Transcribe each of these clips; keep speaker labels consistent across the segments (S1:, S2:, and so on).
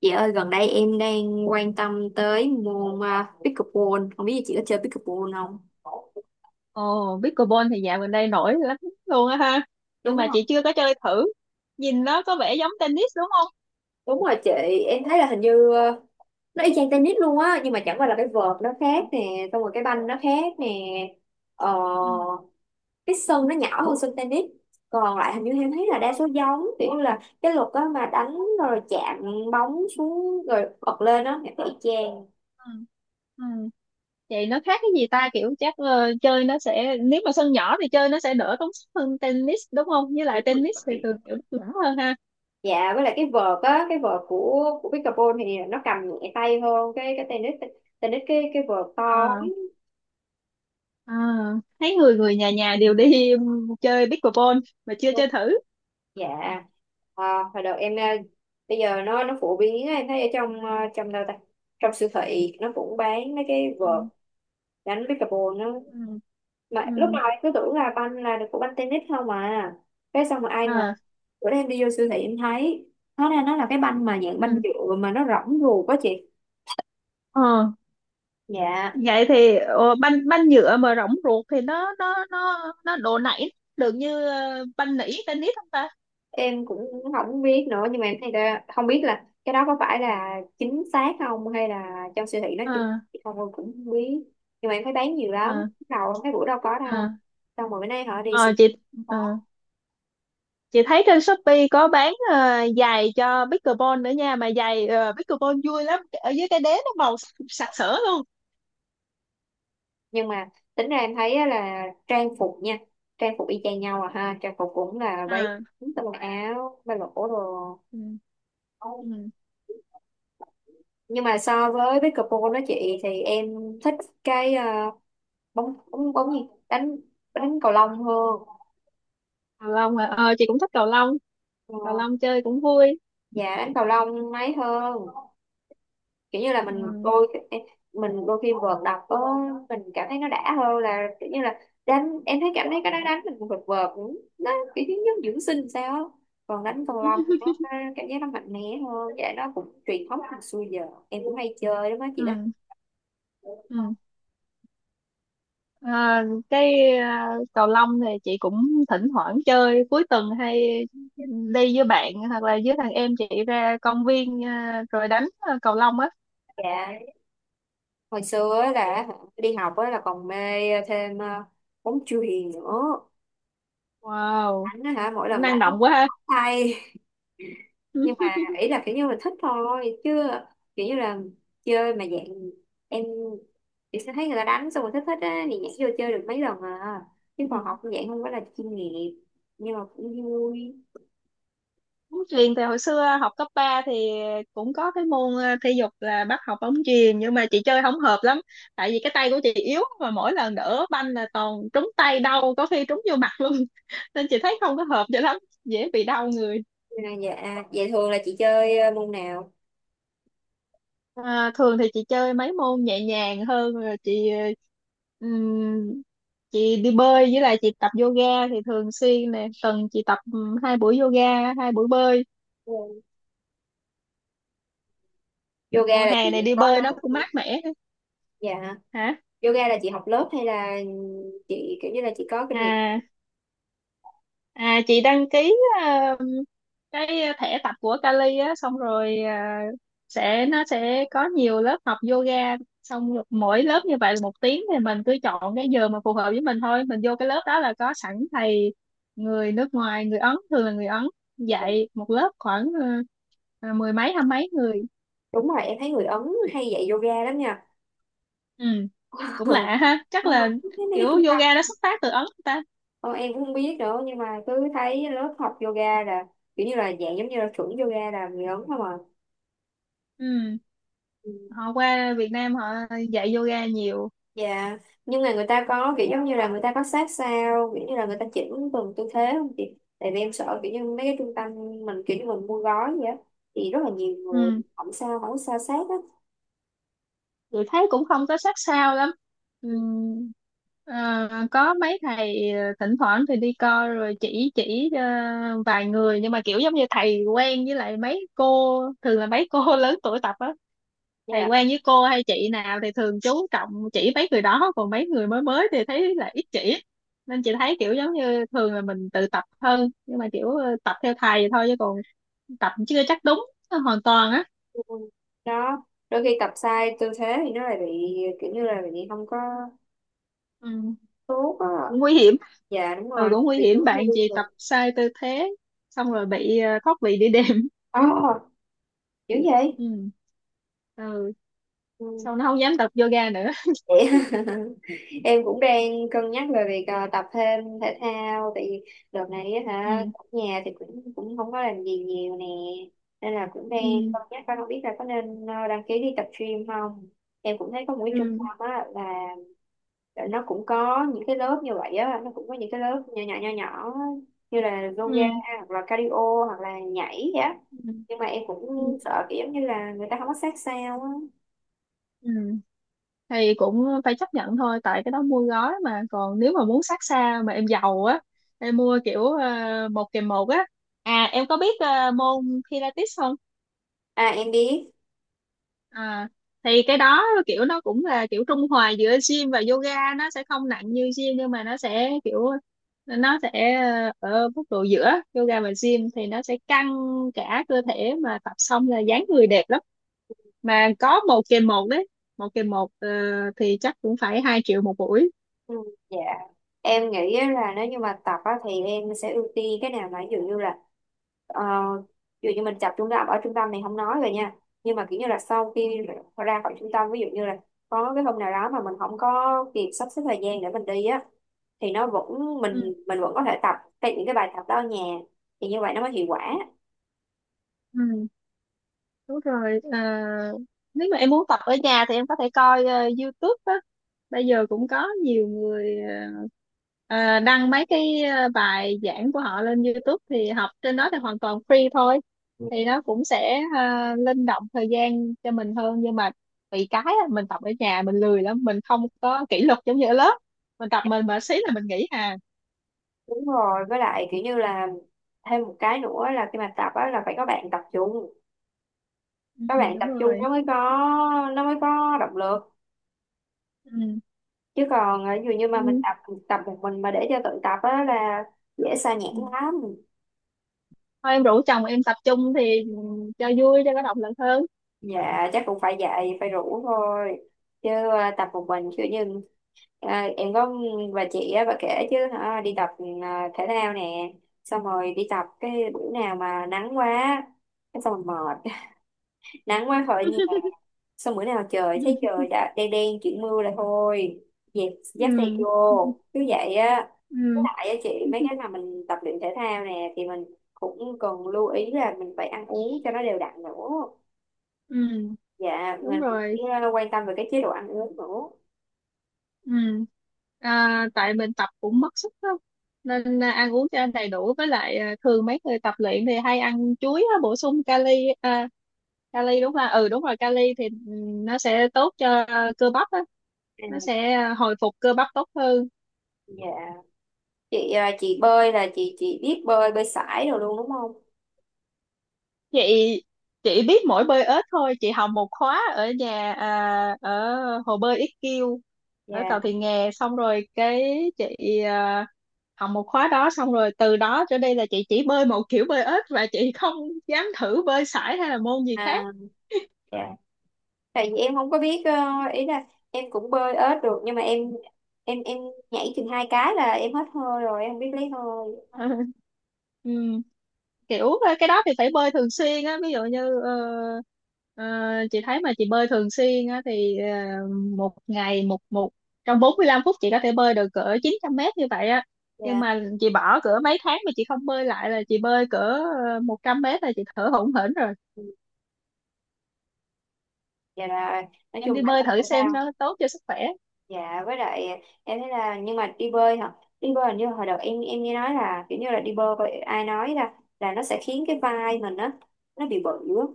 S1: Chị ơi, gần đây em đang quan tâm tới môn pickleball. Không biết chị có chơi pickleball không?
S2: Ồ, pickleball thì dạo gần đây nổi lắm luôn á ha. Nhưng
S1: Đúng
S2: mà
S1: không?
S2: chị chưa có chơi thử. Nhìn nó có vẻ giống tennis đúng không?
S1: Đúng rồi chị. Em thấy là hình như nó y chang tennis luôn á, nhưng mà chẳng qua là cái vợt nó
S2: Ừ.
S1: khác nè, xong rồi cái banh nó khác nè. ờ,
S2: Ừ.
S1: cái sân nó nhỏ hơn sân tennis. Còn lại hình như em thấy là đa số giống, kiểu như là cái luật á, mà đánh rồi chạm bóng xuống rồi bật lên á, em thấy y chang.
S2: Ừ. Ừ. Vậy nó khác cái gì ta? Kiểu chắc chơi nó sẽ, nếu mà sân nhỏ thì chơi nó sẽ đỡ tốn sức hơn tennis đúng không? Với lại
S1: Đúng rồi.
S2: tennis thì thường kiểu nó nhỏ hơn ha.
S1: Dạ, với lại cái vợt á, cái vợt của pickleball thì nó cầm nhẹ tay hơn cái tennis. Tennis cái vợt to
S2: À, à, thấy người người nhà nhà đều đi chơi pickleball mà chưa
S1: lắm.
S2: chơi thử.
S1: Dạ. Hồi đầu em bây giờ nó phổ biến á, em thấy ở trong trong đâu ta, trong siêu thị nó cũng bán mấy cái
S2: Ừ.
S1: vợt đánh pickleball nó,
S2: Ừ.
S1: mà
S2: Ừ.
S1: lúc nào em cứ tưởng là banh là được của banh tennis không, mà cái xong mà ai ngờ
S2: À,
S1: bữa nay em đi vô siêu thị em thấy hóa ra nó là cái banh mà dạng banh
S2: ừ.
S1: nhựa mà nó rỗng ruột quá chị.
S2: Ờ.
S1: Dạ,
S2: Vậy thì banh banh nhựa mà rỗng ruột thì nó độ nảy được như banh nỉ tennis không ta?
S1: em cũng không biết nữa, nhưng mà em thấy là không biết là cái đó có phải là chính xác không, hay là trong siêu thị nó
S2: Ờ.
S1: chỉ không, em cũng không biết, nhưng mà em thấy bán nhiều lắm.
S2: Ờ.
S1: Đầu cái bữa đâu có
S2: Ờ.
S1: đâu, xong rồi bữa nay họ đi siêu-
S2: Ờ,
S1: thị
S2: chị ờ,
S1: có.
S2: chị thấy trên Shopee có bán giày cho pickleball nữa nha, mà giày pickleball vui lắm, ở dưới cái đế nó màu sặc sỡ luôn.
S1: Nhưng mà tính ra em thấy á là trang phục nha, trang phục y chang nhau à ha, trang phục cũng là váy
S2: À.
S1: ngắn, tà quần áo ba lỗ đồ.
S2: Ừ, ừ.
S1: Nhưng mà so với pickleball đó chị, thì em thích cái bóng bóng bóng gì, đánh, đánh cầu lông hơn.
S2: Cầu lông à. Ờ chị cũng thích cầu lông.
S1: Ờ,
S2: Cầu lông chơi cũng vui.
S1: dạ đánh cầu lông mấy hơn, kiểu như là mình
S2: Ừ.
S1: đôi, mình đôi khi vợt đập có, mình cảm thấy nó đã hơn, là kiểu như là đánh, em thấy cảm thấy cái đó đánh mình vợt vợt cũng- nó kiểu như giống dưỡng sinh sao á. Còn đánh cầu lông thì nó cảm giác nó mạnh mẽ hơn. Dạ, nó cũng truyền thống từ xưa giờ, em cũng hay chơi đúng đó
S2: Ừ.
S1: chị đó.
S2: Ừ. À, cái cầu lông thì chị cũng thỉnh thoảng chơi cuối tuần, hay đi với bạn hoặc là với thằng em chị ra công viên, rồi đánh cầu lông á.
S1: Dạ, hồi xưa á là đi học á là còn mê thêm bóng chuyền nữa,
S2: Wow,
S1: đánh á hả, mỗi
S2: cũng
S1: lần
S2: năng
S1: đánh
S2: động quá ha.
S1: tay, nhưng mà ý là kiểu như là thích thôi chứ, kiểu như là chơi mà dạng em, chị sẽ thấy người ta đánh xong rồi thích thích á thì nhảy vô chơi được mấy lần à, chứ còn
S2: Ừ.
S1: học cũng dạng không phải là chuyên nghiệp, nhưng mà cũng vui.
S2: Bóng chuyền thì hồi xưa học cấp ba thì cũng có cái môn thể dục là bắt học bóng chuyền, nhưng mà chị chơi không hợp lắm, tại vì cái tay của chị yếu, mà mỗi lần đỡ banh là toàn trúng tay đau, có khi trúng vô mặt luôn. Nên chị thấy không có hợp cho lắm, dễ bị đau người.
S1: Nhưng dạ vậy thường là chị chơi môn nào?
S2: À, thường thì chị chơi mấy môn nhẹ nhàng hơn, rồi ừm, chị đi bơi, với lại chị tập yoga thì thường xuyên nè, tuần chị tập hai buổi yoga hai buổi bơi.
S1: Ừ. Yoga
S2: Mùa
S1: là chị
S2: hè này đi
S1: có
S2: bơi
S1: lớp
S2: nó cũng
S1: không?
S2: mát mẻ.
S1: Dạ,
S2: Hả?
S1: yoga là chị học lớp, hay là chị kiểu như là chị có kinh nghiệm?
S2: À À, chị đăng ký ờ, cái thẻ tập của Kali á, xong rồi nó sẽ có nhiều lớp học yoga, xong rồi mỗi lớp như vậy là một tiếng, thì mình cứ chọn cái giờ mà phù hợp với mình thôi, mình vô cái lớp đó là có sẵn thầy người nước ngoài, người Ấn, thường là người Ấn
S1: Dạ.
S2: dạy một lớp khoảng mười mấy hai mấy người.
S1: Đúng rồi, em thấy người Ấn hay dạy yoga lắm nha.
S2: Ừ. Cũng
S1: Ờ,
S2: lạ ha, chắc
S1: không?
S2: là
S1: Mấy
S2: kiểu
S1: cái trung
S2: yoga
S1: tâm
S2: nó xuất phát từ Ấn ta.
S1: con em cũng không biết nữa, nhưng mà cứ thấy lớp học yoga là kiểu như là dạng giống như là chuẩn yoga là người lớn không à.
S2: Ừ.
S1: Ừ.
S2: Họ qua Việt Nam họ dạy yoga nhiều.
S1: Dạ, nhưng mà người ta có kiểu giống như là người ta có sát sao, kiểu như là người ta chỉnh từng tư thế không chị? Tại vì em sợ kiểu như mấy cái trung tâm mình kiểu như mình mua gói vậy á, thì rất là nhiều người
S2: Ừ.
S1: không sao không sao sát á.
S2: Chị thấy cũng không có sát sao lắm.
S1: Ừ.
S2: Ừm, có mấy thầy thỉnh thoảng thì đi coi rồi chỉ vài người, nhưng mà kiểu giống như thầy quen với lại mấy cô, thường là mấy cô lớn tuổi tập á. Thầy
S1: Dạ.
S2: quen với cô hay chị nào thì thường chú trọng chỉ mấy người đó, còn mấy người mới mới thì thấy là ít chỉ. Nên chị thấy kiểu giống như thường là mình tự tập hơn, nhưng mà kiểu tập theo thầy thôi, chứ còn tập chưa chắc đúng hoàn toàn á.
S1: Ừ. Đó, đôi khi tập sai tư thế thì nó lại bị kiểu như là bị không có
S2: Ừ.
S1: tốt
S2: Cũng
S1: á.
S2: nguy hiểm.
S1: Dạ đúng
S2: Ừ,
S1: rồi,
S2: cũng nguy
S1: bị chấn
S2: hiểm.
S1: thương
S2: Bạn chị tập
S1: rồi.
S2: sai tư thế xong rồi bị thoát vị đĩa đệm.
S1: Ờ, dữ vậy.
S2: Ừ. Ừ.
S1: Ừ.
S2: Sau nó không dám tập yoga nữa.
S1: Vậy em cũng đang cân nhắc về việc tập thêm thể thao, tại vì đợt này á hả
S2: Ừ.
S1: ở nhà thì cũng cũng không có làm gì nhiều nè, nên là cũng đang
S2: Ừ.
S1: cân nhắc coi không biết là có nên đăng ký đi tập gym không. Em cũng thấy có một cái trung
S2: Ừ.
S1: tâm á là nó cũng có những cái lớp như vậy á, nó cũng có những cái lớp nhỏ nhỏ á, như là yoga
S2: Ừ.
S1: hoặc là cardio hoặc là nhảy vậy á,
S2: Ừ.
S1: nhưng mà em cũng
S2: Ừ.
S1: sợ kiểu giống như là người ta không có sát sao á.
S2: Ừ. Thì cũng phải chấp nhận thôi, tại cái đó mua gói mà. Còn nếu mà muốn sát xa mà em giàu á, em mua kiểu một kèm một á. À, em có biết môn Pilates không?
S1: À em biết.
S2: À, thì cái đó kiểu nó cũng là kiểu trung hòa giữa gym và yoga, nó sẽ không nặng như gym, nhưng mà nó sẽ ở mức độ giữa yoga và gym thì nó sẽ căng cả cơ thể, mà tập xong là dáng người đẹp lắm. Mà có một kèm một đấy. Một kèm một thì chắc cũng phải 2 triệu một buổi.
S1: Ừ, dạ em nghĩ á là nếu như mà tập á, thì em sẽ ưu tiên cái nào mà ví dụ như là ờ, ví dụ như mình tập trung tập ở trung tâm thì không nói rồi nha, nhưng mà kiểu như là sau khi ra khỏi trung tâm, ví dụ như là có cái hôm nào đó mà mình không có kịp sắp xếp thời gian để mình đi á, thì nó vẫn
S2: Ừ.
S1: mình vẫn có thể tập cái những cái bài tập đó ở nhà, thì như vậy nó mới hiệu quả.
S2: Ừ. Đúng rồi. À, nếu mà em muốn tập ở nhà thì em có thể coi YouTube á. Bây giờ cũng có nhiều người đăng mấy cái bài giảng của họ lên YouTube, thì học trên đó thì hoàn toàn free thôi. Thì nó cũng sẽ linh động thời gian cho mình hơn, nhưng mà bị cái á, mình tập ở nhà mình lười lắm, mình không có kỷ luật giống như ở lớp. Mình tập mình mà xí là mình nghỉ hà.
S1: Đúng rồi, với lại kiểu như là thêm một cái nữa là khi mà tập á là phải có bạn tập chung,
S2: Ừ,
S1: có bạn
S2: đúng
S1: tập chung nó
S2: rồi.
S1: mới có, nó mới có động lực,
S2: Ừ.
S1: chứ còn ví dụ như mà mình
S2: Ừ.
S1: tập tập một mình mà để cho tự tập á là dễ sa nhãn lắm.
S2: Thôi em rủ chồng em tập trung thì cho vui cho có động lực hơn.
S1: Dạ chắc cũng phải dạy phải rủ thôi, chứ tập một mình kiểu như ờ, em có bà chị á, bà kể chứ hả đi tập ờ, thể thao nè, xong rồi đi tập cái bữa nào mà nắng quá cái xong rồi mệt, nắng quá khỏi nhà, xong bữa nào trời thấy trời đã đen đen chuyển mưa là thôi, dẹp dắt xe
S2: Ừ.
S1: vô,
S2: Ừ.
S1: cứ vậy á. Tại á chị mấy cái mà mình tập luyện thể thao nè thì mình cũng cần lưu ý là mình phải ăn uống cho nó đều đặn nữa.
S2: Ừ.
S1: Dạ
S2: Đúng
S1: mình
S2: rồi.
S1: phải, quan tâm về cái chế độ ăn uống nữa.
S2: Ừ. À, tại mình tập cũng mất sức lắm, nên ăn uống cho đầy đủ, với lại thường mấy người tập luyện thì hay ăn chuối á, bổ sung kali. À, kali đúng là đúng rồi. Kali thì nó sẽ tốt cho cơ bắp á. Nó
S1: À,
S2: sẽ hồi phục cơ bắp tốt hơn.
S1: dạ. Chị chị bơi là chị biết bơi, bơi sải rồi luôn đúng không?
S2: Chị chị biết mỗi bơi ếch thôi. Chị học một khóa ở nhà, ở hồ bơi IQ
S1: Dạ.
S2: ở cầu Thị Nghè, xong rồi cái chị à, học một khóa đó, xong rồi từ đó trở đi là chị chỉ bơi một kiểu bơi ếch, và chị không dám thử bơi sải hay là môn gì
S1: À,
S2: khác.
S1: dạ. Tại vì em không có biết ý là em cũng bơi ếch được, nhưng mà em nhảy chừng hai cái là em hết hơi rồi, em không biết lấy hơi.
S2: Ờ. Ừ. Kiểu cái đó thì phải bơi thường xuyên á. Ví dụ như ờ, chị thấy mà chị bơi thường xuyên á thì một ngày một một trong 45 phút chị có thể bơi được cỡ 900 mét như vậy á. Nhưng
S1: Dạ.
S2: mà chị bỏ cỡ mấy tháng mà chị không bơi lại là chị bơi cỡ 100 mét là chị thở hổn hển rồi.
S1: Ừ, dạ là nói
S2: Em đi
S1: chung là
S2: bơi
S1: tập
S2: thử
S1: thể
S2: xem,
S1: thao.
S2: nó tốt cho sức khỏe.
S1: Dạ với lại em thấy là, nhưng mà đi bơi hả? Đi bơi hình như hồi đầu em nghe nói là kiểu như là đi bơi vậy ai nói ra là nó sẽ khiến cái vai mình á nó bị bự á.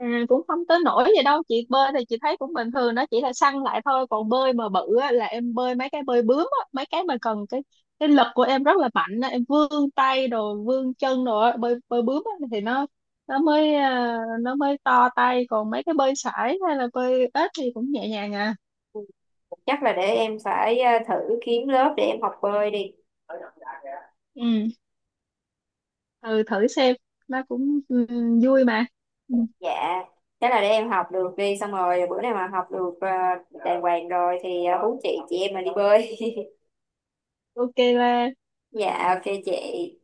S2: À, cũng không tới nỗi gì đâu. Chị bơi thì chị thấy cũng bình thường, nó chỉ là săn lại thôi. Còn bơi mà bự á, là em bơi mấy cái bơi bướm á, mấy cái mà cần cái lực của em rất là mạnh á, em vươn tay rồi vươn chân rồi á, bơi bơi bướm á, thì nó mới nó mới to tay. Còn mấy cái bơi sải hay là bơi ếch thì cũng nhẹ nhàng à.
S1: Chắc là để em phải thử kiếm lớp để em học bơi đi.
S2: Ừ. Ừ, thử xem. Nó cũng vui mà. Ừ,
S1: Dạ. Thế là để em học được đi, xong rồi bữa nào mà học được đàng hoàng rồi thì hú chị em mình đi bơi.
S2: ok là
S1: Dạ ok chị.